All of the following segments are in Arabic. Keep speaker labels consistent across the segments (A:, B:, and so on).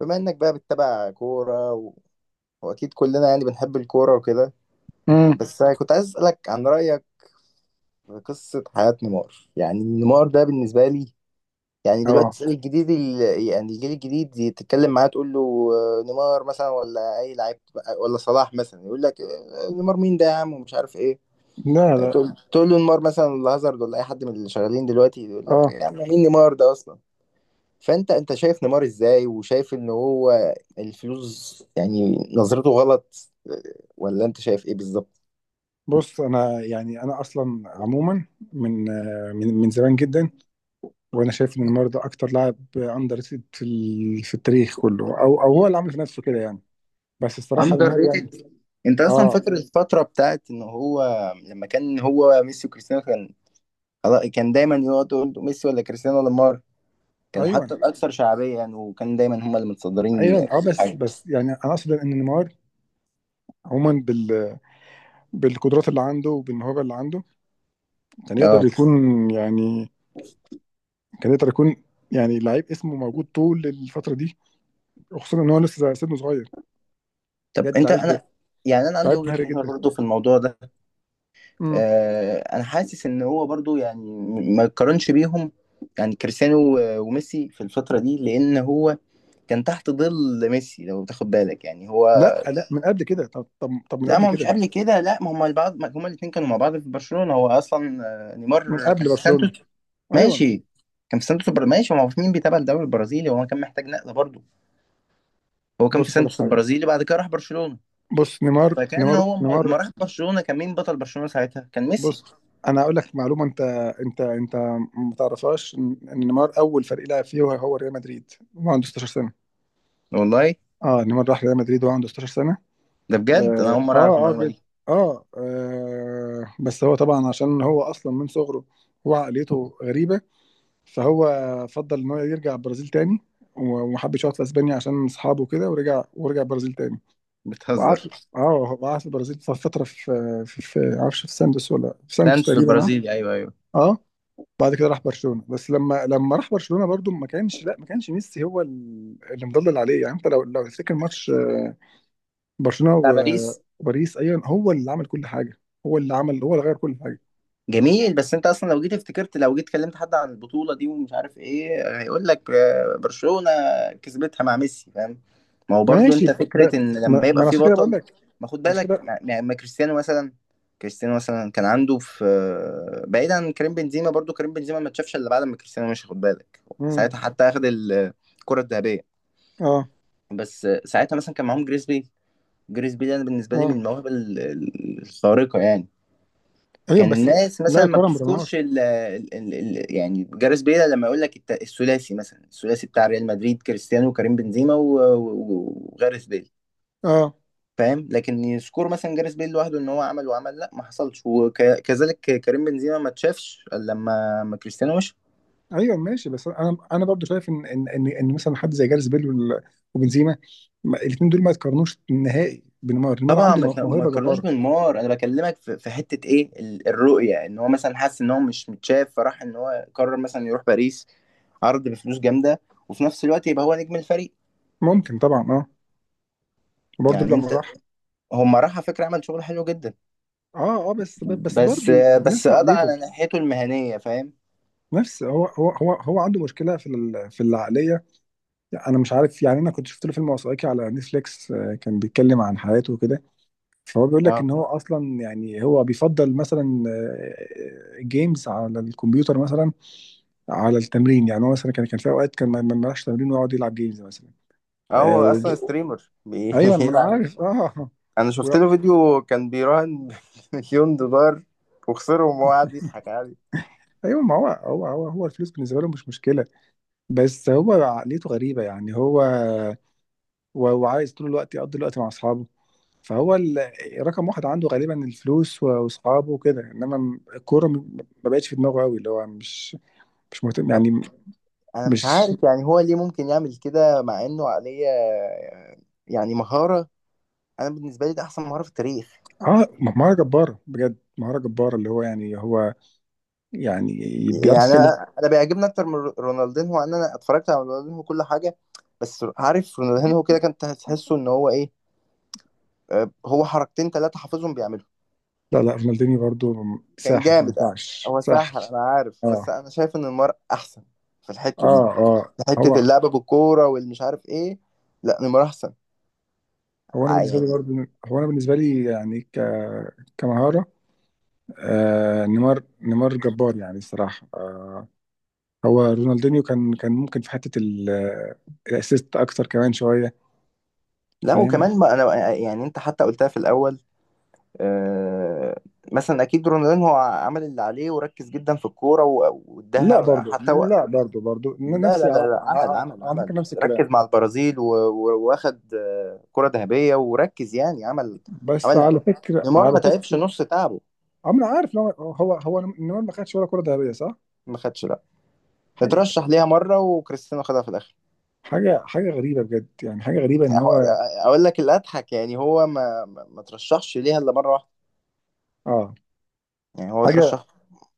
A: بما انك بقى بتتابع كورة واكيد كلنا يعني بنحب الكورة وكده.
B: امم
A: بس كنت عايز اسألك عن رأيك في قصة حياة نيمار. يعني نيمار ده بالنسبة لي، يعني دلوقتي
B: اه
A: تسأل الجديد يعني الجيل الجديد دي، تتكلم معاه تقول له نيمار مثلا ولا اي لعيب ولا صلاح مثلا، يقول لك نيمار مين ده يا عم ومش عارف ايه.
B: لا لا
A: تقول له نيمار مثلا ولا هازارد ولا اي حد من اللي شغالين دلوقتي، يقول لك
B: اه
A: يا عم مين نيمار ده اصلا. فانت شايف نيمار ازاي، وشايف ان هو الفلوس يعني نظرته غلط، ولا انت شايف ايه بالظبط؟
B: بص، انا اصلا عموما من من زمان جدا، وانا شايف ان نيمار ده اكتر لاعب اندر ريتد في التاريخ كله، او هو اللي عامل في نفسه كده يعني. بس الصراحه
A: اندر
B: نيمار يعني.
A: ريتد. انت اصلا
B: اه
A: فاكر الفتره بتاعت ان هو لما كان هو ميسي وكريستيانو كان كان دايما يقعدوا يقولوا ميسي ولا كريستيانو ولا نيمار، كانوا حتى
B: ايوه
A: الاكثر شعبيه يعني، وكان دايما هم اللي متصدرين
B: ايوه. اه
A: كل
B: بس
A: حاجه.
B: بس يعني انا اقصد ان نيمار عموما بالقدرات اللي عنده وبالموهبه اللي عنده، كان يقدر
A: اه.
B: يكون يعني، كان يقدر يكون يعني لعيب اسمه موجود طول الفتره دي، وخصوصا ان هو لسه سنه صغير.
A: طب
B: بجد
A: انت
B: لعيب،
A: انا، يعني انا عندي
B: لعيب مهاري
A: وجهه نظر
B: جدا.
A: برضه في الموضوع ده.
B: مم.
A: انا حاسس ان هو برضو يعني ما يقارنش بيهم، يعني كريستيانو و- وميسي في الفترة دي، لان هو كان تحت ظل ميسي. لو تاخد بالك يعني هو،
B: لا لا، من قبل كده. طب من
A: لا
B: قبل
A: ما هو مش
B: كده،
A: قبل كده، لا ما هم البعض، ما هم الاثنين كانوا مع بعض في برشلونة. هو اصلا
B: من
A: نيمار
B: قبل
A: كان في سانتوس.
B: برشلونة. ايوه.
A: ماشي، كان في سانتوس ماشي. ما هو مين بيتابع الدوري البرازيلي؟ هو كان محتاج نقلة برضو. هو كان في
B: بص على
A: سانتوس
B: حاجة،
A: البرازيلي، بعد كده راح برشلونة.
B: بص، نيمار
A: فكان
B: نيمار
A: هو ما
B: نيمار.
A: ما راح برشلونة، كان مين بطل برشلونة ساعتها؟ كان ميسي.
B: بص، انا هقول لك معلومة انت انت ما تعرفهاش: إن نيمار اول فريق لعب فيه هو ريال مدريد، وهو عنده 16 سنة.
A: والله؟
B: اه، نيمار راح ريال مدريد وهو عنده 16 سنة.
A: ده بجد انا
B: اه
A: اول مرة اعرف
B: اه اه,
A: المعلومة
B: جد.
A: دي.
B: آه، بس هو طبعا عشان هو اصلا من صغره هو عقليته غريبة. فهو فضل ان هو يرجع البرازيل تاني، وما حبش يقعد في اسبانيا عشان اصحابه كده، ورجع، ورجع البرازيل تاني وقعد.
A: بتهزر.
B: اه، هو قعد في البرازيل فتره في معرفش، في سانتوس، ولا في سانتوس
A: سانتوس
B: تقريبا. اه
A: البرازيلي، ايوه ايوه.
B: اه. بعد كده راح برشلونه، بس لما راح برشلونه برضو ما كانش، لا، ما كانش ميسي هو اللي مضلل عليه. يعني انت لو تفتكر ماتش برشلونه
A: بتاع
B: و-
A: باريس.
B: وباريس ايوه، هو اللي عمل كل حاجه، هو اللي غير كل حاجه.
A: جميل. بس انت اصلا لو جيت افتكرت، لو جيت كلمت حد عن البطوله دي ومش عارف ايه، هيقول لك برشلونه كسبتها مع ميسي، فاهم. ما هو برضو
B: ماشي.
A: انت
B: ب-
A: فكره
B: ب-
A: ان
B: ما
A: لما
B: ما
A: يبقى
B: انا
A: في
B: عشان كده بقول
A: بطل،
B: لك،
A: ما خد
B: عشان
A: بالك،
B: كده.
A: ما كريستيانو مثلا. كريستيانو مثلا كان عنده في بعيدا عن كريم بنزيما، برضو كريم بنزيما ما اتشافش الا بعد ما كريستيانو مشي، خد بالك.
B: امم.
A: ساعتها حتى اخد الكره الذهبيه.
B: اه
A: بس ساعتها مثلا كان معاهم جريزبي. جريزبي ده أنا بالنسبه لي من
B: اه،
A: المواهب الخارقه يعني.
B: ايوه
A: كان
B: بس.
A: الناس
B: لا،
A: مثلا ما
B: يقارن بنيمار؟
A: بتذكرش ال ال ال ال يعني جاريث بيل، لما يقول لك الثلاثي مثلا، الثلاثي بتاع ريال مدريد كريستيانو وكريم بنزيما و- و- وجاريث بيل،
B: اه.
A: فاهم، لكن يذكر مثلا جاريث بيل لوحده ان هو عمل وعمل، لا ما حصلش. وكذلك كريم بنزيما ما اتشافش إلا لما ما كريستيانو مشي.
B: ايوه ماشي، بس انا برضو شايف إن مثلا حد زي جاريث بيل وبنزيما، الاثنين دول ما يتقارنوش نهائي بنيمار. نيمار
A: طبعا
B: عنده مو-
A: ما
B: موهبه
A: تقارنوش
B: جباره.
A: بالنار. انا بكلمك في حته ايه، الرؤيه ان هو مثلا حس ان هو مش متشاف، فراح ان هو قرر مثلا يروح باريس، عرض بفلوس جامده، وفي نفس الوقت يبقى هو نجم الفريق.
B: ممكن طبعا، اه. برضو
A: يعني
B: لما
A: انت،
B: راح.
A: هم راح على فكرة عمل شغل حلو جدا،
B: اه اه، بس
A: بس،
B: برضو
A: بس
B: بنفس
A: قضى
B: عقليته،
A: على ناحيته المهنية فاهم.
B: نفس. هو عنده مشكله في العقليه. انا مش عارف. يعني انا كنت شفت له فيلم وثائقي على نتفليكس، كان بيتكلم عن حياته وكده، فهو بيقول لك ان
A: اه
B: هو اصلا يعني هو بيفضل مثلا جيمز على الكمبيوتر مثلا على التمرين. يعني هو مثلا كان، كان في اوقات كان ما ملهاش تمرين ويقعد يلعب جيمز مثلا.
A: اه،
B: آه،
A: هو
B: وج-
A: اصلا ستريمر
B: ايوه، ما انا
A: بيلعب.
B: عارف، اه.
A: انا
B: و-.
A: شفت له فيديو كان بيراهن مليون دولار، وخسرهم وهو قاعد يضحك عادي.
B: ايوه، ما هو هو الفلوس بالنسبه له مش مشكله. بس هو عقليته غريبه. يعني هو وعايز طول الوقت يقضي الوقت مع اصحابه. فهو ال- رقم واحد عنده غالبا الفلوس واصحابه وكده، انما الكوره ما بقتش في دماغه قوي، اللي هو مش، مش مهتم
A: طب
B: يعني.
A: انا مش
B: مش.
A: عارف يعني هو ليه ممكن يعمل كده مع انه عليه، يعني، مهارة، انا بالنسبة لي ده احسن مهارة في التاريخ.
B: اه، مهارة جبارة، بجد مهارة جبارة، اللي هو يعني هو يعني بيعرف
A: يعني
B: يتكلم.
A: أنا بيعجبني اكتر من رونالدينهو، ان انا اتفرجت على رونالدينهو كل حاجة. بس عارف رونالدينهو كده كان تحسه ان هو ايه، هو حركتين ثلاثة حافظهم بيعملهم.
B: لا لا، رونالدينيو برضو
A: كان
B: ساحر، ما
A: جامد.
B: ينفعش.
A: هو
B: ساحر.
A: ساحر أنا عارف، بس
B: اه
A: أنا شايف إن نيمار أحسن في الحتة
B: اه
A: دي،
B: اه.
A: في
B: هو
A: حتة اللعبة بالكورة والمش عارف إيه. لا نيمار أحسن
B: هو انا بالنسبه لي
A: يعني.
B: برضو، انا بالنسبه لي يعني كمهاره. آه، نيمار جبار يعني الصراحه، آه. هو رونالدينيو كان، كان ممكن في حته الاسيست اكتر كمان شويه،
A: لا،
B: فاهم.
A: وكمان ما أنا، يعني أنت حتى قلتها في الأول. آه. مثلا أكيد رونالدين هو عمل اللي عليه وركز جدا في الكورة و-
B: لا
A: واداها
B: برضو،
A: حتى هو.
B: لا برضو، برضو
A: لا
B: نفسي،
A: لا لا
B: على
A: لا، عمل
B: على
A: عمل
B: على فكره
A: عمل،
B: نفس
A: ركز
B: الكلام.
A: مع البرازيل و- و- واخد كرة ذهبية، وركز يعني عمل، عمل
B: بس
A: اللي عليه.
B: على فكره،
A: نيمار
B: على
A: ما تعبش
B: فكره،
A: نص تعبه.
B: اه، ما انا عارف إن هو النمر ما خدش ولا كرة ذهبية، صح؟
A: ما خدش لا،
B: حاجة،
A: اترشح ليها مرة وكريستيانو خدها في الآخر.
B: حاجة غريبة بجد، يعني حاجة غريبة ان هو.
A: أقول لك اللي أضحك، يعني هو ما ترشحش ليها إلا مرة واحدة.
B: اه.
A: يعني هو
B: حاجة.
A: ترشح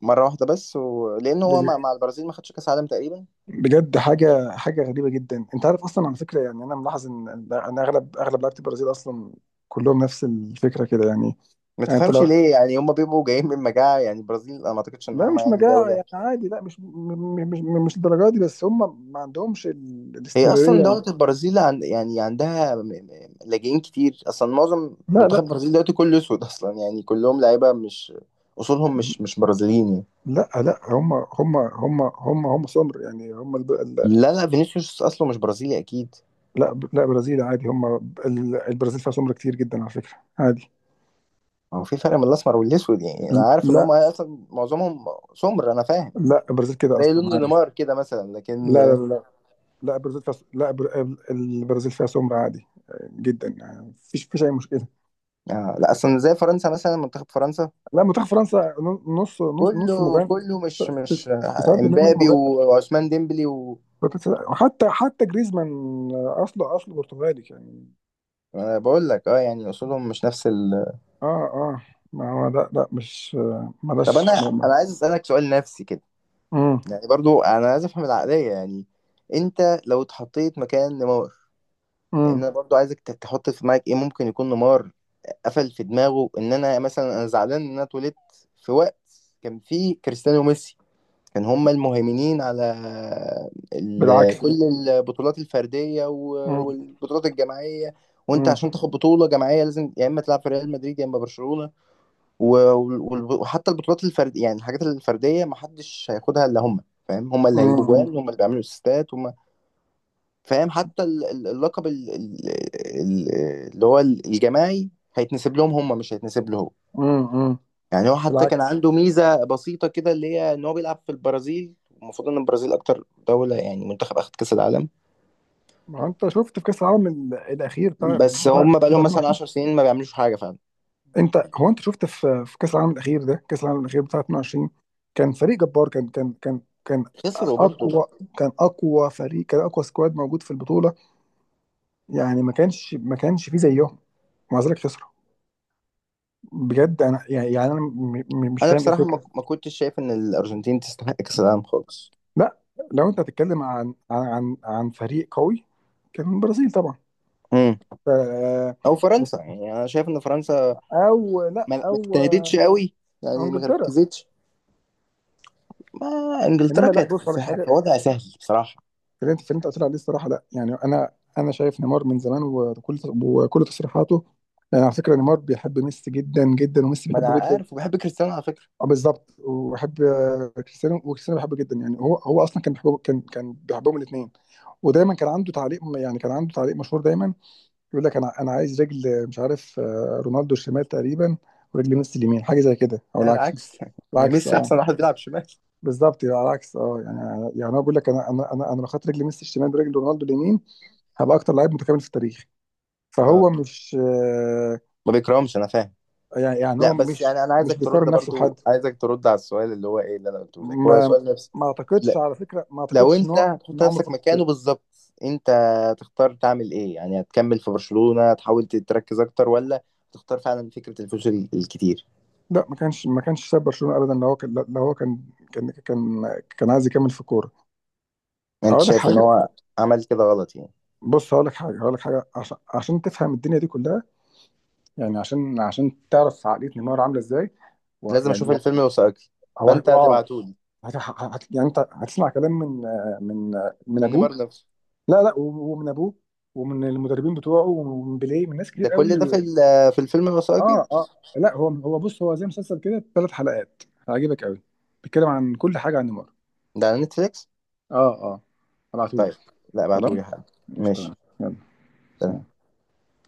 A: مرة واحدة بس، لأن هو مع,
B: بج-
A: مع البرازيل ما خدش كأس عالم تقريبا.
B: بجد حاجة غريبة جدا. انت عارف اصلا، على فكرة يعني، انا ملاحظ ان اغلب لعيبة البرازيل اصلا كلهم نفس الفكرة كده يعني.
A: ما
B: يعني انت
A: تفهمش
B: لو.
A: ليه؟ يعني هم بيبقوا جايين من مجاعة يعني، البرازيل أنا ما أعتقدش إن
B: لا،
A: هم
B: مش
A: يعني
B: مجاعة
A: دولة،
B: يعني، عادي، لا، مش م- م- مش م- مش الدرجة دي، بس هم ما عندهمش ال-
A: هي اصلا
B: الاستمرارية
A: دوله البرازيل عن يعني عندها لاجئين كتير اصلا. معظم
B: لا
A: منتخب
B: لا
A: البرازيل دلوقتي كله اسود اصلا، يعني كلهم لعيبه مش اصولهم، مش برازيليين يعني.
B: لا لا هم هم سمر يعني هم.
A: لا لا فينيسيوس اصله مش برازيلي اكيد.
B: لا لا، برازيل عادي هم. البرازيل فيها سمر كتير جدا على فكرة، عادي.
A: هو في فرق بين الاسمر والاسود، يعني انا عارف ان
B: لا
A: هم اصلا معظمهم سمر، انا فاهم،
B: لا، البرازيل كده
A: زي
B: أصلا
A: لون
B: عادي.
A: نيمار كده مثلا، لكن
B: لا، لا، البرازيل فيها، لا، بر... البرازيل فيها سمر عادي، جدا يعني، مفيش، مفيش أي مشكلة.
A: آه لا، اصلا زي فرنسا مثلا، منتخب فرنسا
B: لا، منتخب فرنسا نص
A: كله
B: مجنن.
A: كله مش
B: 90% من
A: امبابي
B: مجنن،
A: وعثمان ديمبلي
B: حتى جريزمان، أصله برتغالي يعني.
A: انا بقول لك اه، يعني اصولهم مش نفس.
B: اه اه. ما هو لا، لا مش،
A: طب انا
B: ملاش.
A: انا عايز اسالك سؤال نفسي كده،
B: امم.
A: يعني برضو انا عايز افهم العقليه يعني. انت لو اتحطيت مكان نمار، يعني
B: امم.
A: انا برضو عايزك تحط في دماغك ايه ممكن يكون نمار قفل في دماغه. ان انا مثلا انا زعلان ان انا اتولدت في وقت كان فيه كريستيانو وميسي، كان هما المهيمنين على
B: بالعكس ده.
A: كل البطولات الفرديه و-
B: امم.
A: والبطولات الجماعيه، وانت عشان تاخد بطوله جماعيه لازم يا اما تلعب في ريال مدريد يا اما برشلونه، و- وال- وحتى البطولات الفردية، يعني الحاجات الفردية ما حدش هياخدها إلا هم، فاهم. هم اللي هيجيبوا
B: امم.
A: جوان، هم اللي بيعملوا اسيستات هم، فاهم. حتى اللقب ال- اللي هو الجماعي هيتنسب لهم، هم مش هيتنسب له هو.
B: امم.
A: يعني هو حتى كان
B: بالعكس.
A: عنده ميزة بسيطة كده اللي هي إن هو بيلعب في البرازيل، المفروض إن البرازيل أكتر دولة يعني منتخب أخد كأس العالم،
B: ما انت شفت في كاس العالم الاخير بتاع
A: بس
B: بتاع
A: هم بقى
B: بتاع
A: لهم مثلا
B: 22؟
A: 10 سنين ما بيعملوش حاجة فعلا.
B: انت هو، انت شفت في، في كاس العالم الاخير ده، كاس العالم الاخير بتاع 22، كان فريق جبار، كان
A: خسروا برضه.
B: اقوى، كان اقوى فريق، كان اقوى سكواد موجود في البطوله، يعني ما كانش، ما كانش فيه زيهم، ومع ذلك خسروا. بجد انا يعني، يعني انا مش
A: أنا
B: فاهم ايه
A: بصراحة ما
B: الفكره.
A: ما كنتش شايف إن الأرجنتين تستحق كأس العالم خالص،
B: لا، لو انت هتتكلم عن فريق قوي، كان البرازيل طبعا. ف-.
A: او
B: بس.
A: فرنسا. يعني انا شايف ان فرنسا
B: او لا
A: ما
B: او
A: اجتهدتش قوي، يعني ما
B: انجلترا.
A: ركزتش. ما، انجلترا
B: انما لا،
A: كانت
B: بص على
A: في
B: حاجه،
A: وضع سهل بصراحه.
B: في اللي انت، في اللي انت قلت لي عليه الصراحه، لا. يعني انا، انا شايف نيمار من زمان، وكل تصريحاته. يعني على فكره نيمار بيحب ميسي جدا جدا، وميسي
A: ما انا
B: بيحبه جدا.
A: عارف، وبحب كريستيانو على فكره.
B: اه بالظبط، وبيحب كريستيانو، وكريستيانو بيحبه جدا. يعني هو، هو اصلا كان بيحبه، كان، كان بيحبهم الاثنين. ودايما كان عنده تعليق، يعني كان عنده تعليق مشهور دايما، يقول لك انا، انا عايز رجل مش عارف، رونالدو الشمال تقريبا، ورجل ميسي اليمين، حاجه زي كده، او
A: ده
B: العكس.
A: العكس
B: العكس،
A: ميسي
B: اه،
A: احسن واحد بيلعب شمال.
B: بالظبط، يبقى على العكس، اه، يعني يعني انا بقول لك، انا لو خدت رجل ميسي الشمال برجل رونالدو اليمين، هبقى اكتر لعيب متكامل في التاريخ.
A: اه،
B: فهو مش،
A: ما بيكرهمش انا فاهم.
B: يعني، يعني هو
A: لا بس
B: مش،
A: يعني انا
B: مش
A: عايزك ترد،
B: بيقارن نفسه
A: برضو
B: بحد.
A: عايزك ترد على السؤال اللي هو ايه اللي انا قلته لك، هو
B: ما
A: سؤال نفسي.
B: ما اعتقدش،
A: لا،
B: على فكره، ما
A: لو
B: اعتقدش ان
A: انت
B: هو ان
A: هتحط
B: عمره
A: نفسك
B: فكر
A: مكانه
B: كده.
A: بالظبط، انت تختار تعمل ايه؟ يعني هتكمل في برشلونة تحاول تركز اكتر، ولا تختار فعلا فكرة الفلوس الكتير.
B: لا، ما كانش، ما كانش ساب برشلونه ابدا. لو هو كان، لو هو كان، كان كان عايز يكمل في الكوره.
A: انت
B: اقول لك
A: شايف ان
B: حاجه،
A: هو عمل كده غلط يعني؟
B: بص هقول لك حاجه، هقول لك حاجه عشان، عشان تفهم الدنيا دي كلها، يعني عشان، عشان تعرف عقليه نيمار عامله ازاي. و-
A: لازم
B: يعني.
A: اشوف الفيلم الوثائقي.
B: هو
A: فانت
B: هو.
A: هتبعتولي.
B: هت... هت... يعني انت هتسمع كلام من من
A: من
B: ابوه.
A: نيمار نفسه.
B: لا لا، ومن ابوه، ومن المدربين بتوعه، ومن بيليه، من ناس
A: ده
B: كتير قوي.
A: كل ده في في الفيلم الوثائقي.
B: اه اه. لا، هو بص، هو زي مسلسل كده، ثلاث حلقات، هيعجبك قوي، بيتكلم عن كل حاجه عن نيمار.
A: ده على نتفليكس.
B: اه اه،
A: طيب.
B: هبعتهولك.
A: لا
B: خلاص.
A: ابعتولي حالا.
B: مش، تمام.
A: ماشي.
B: يلا، سلام.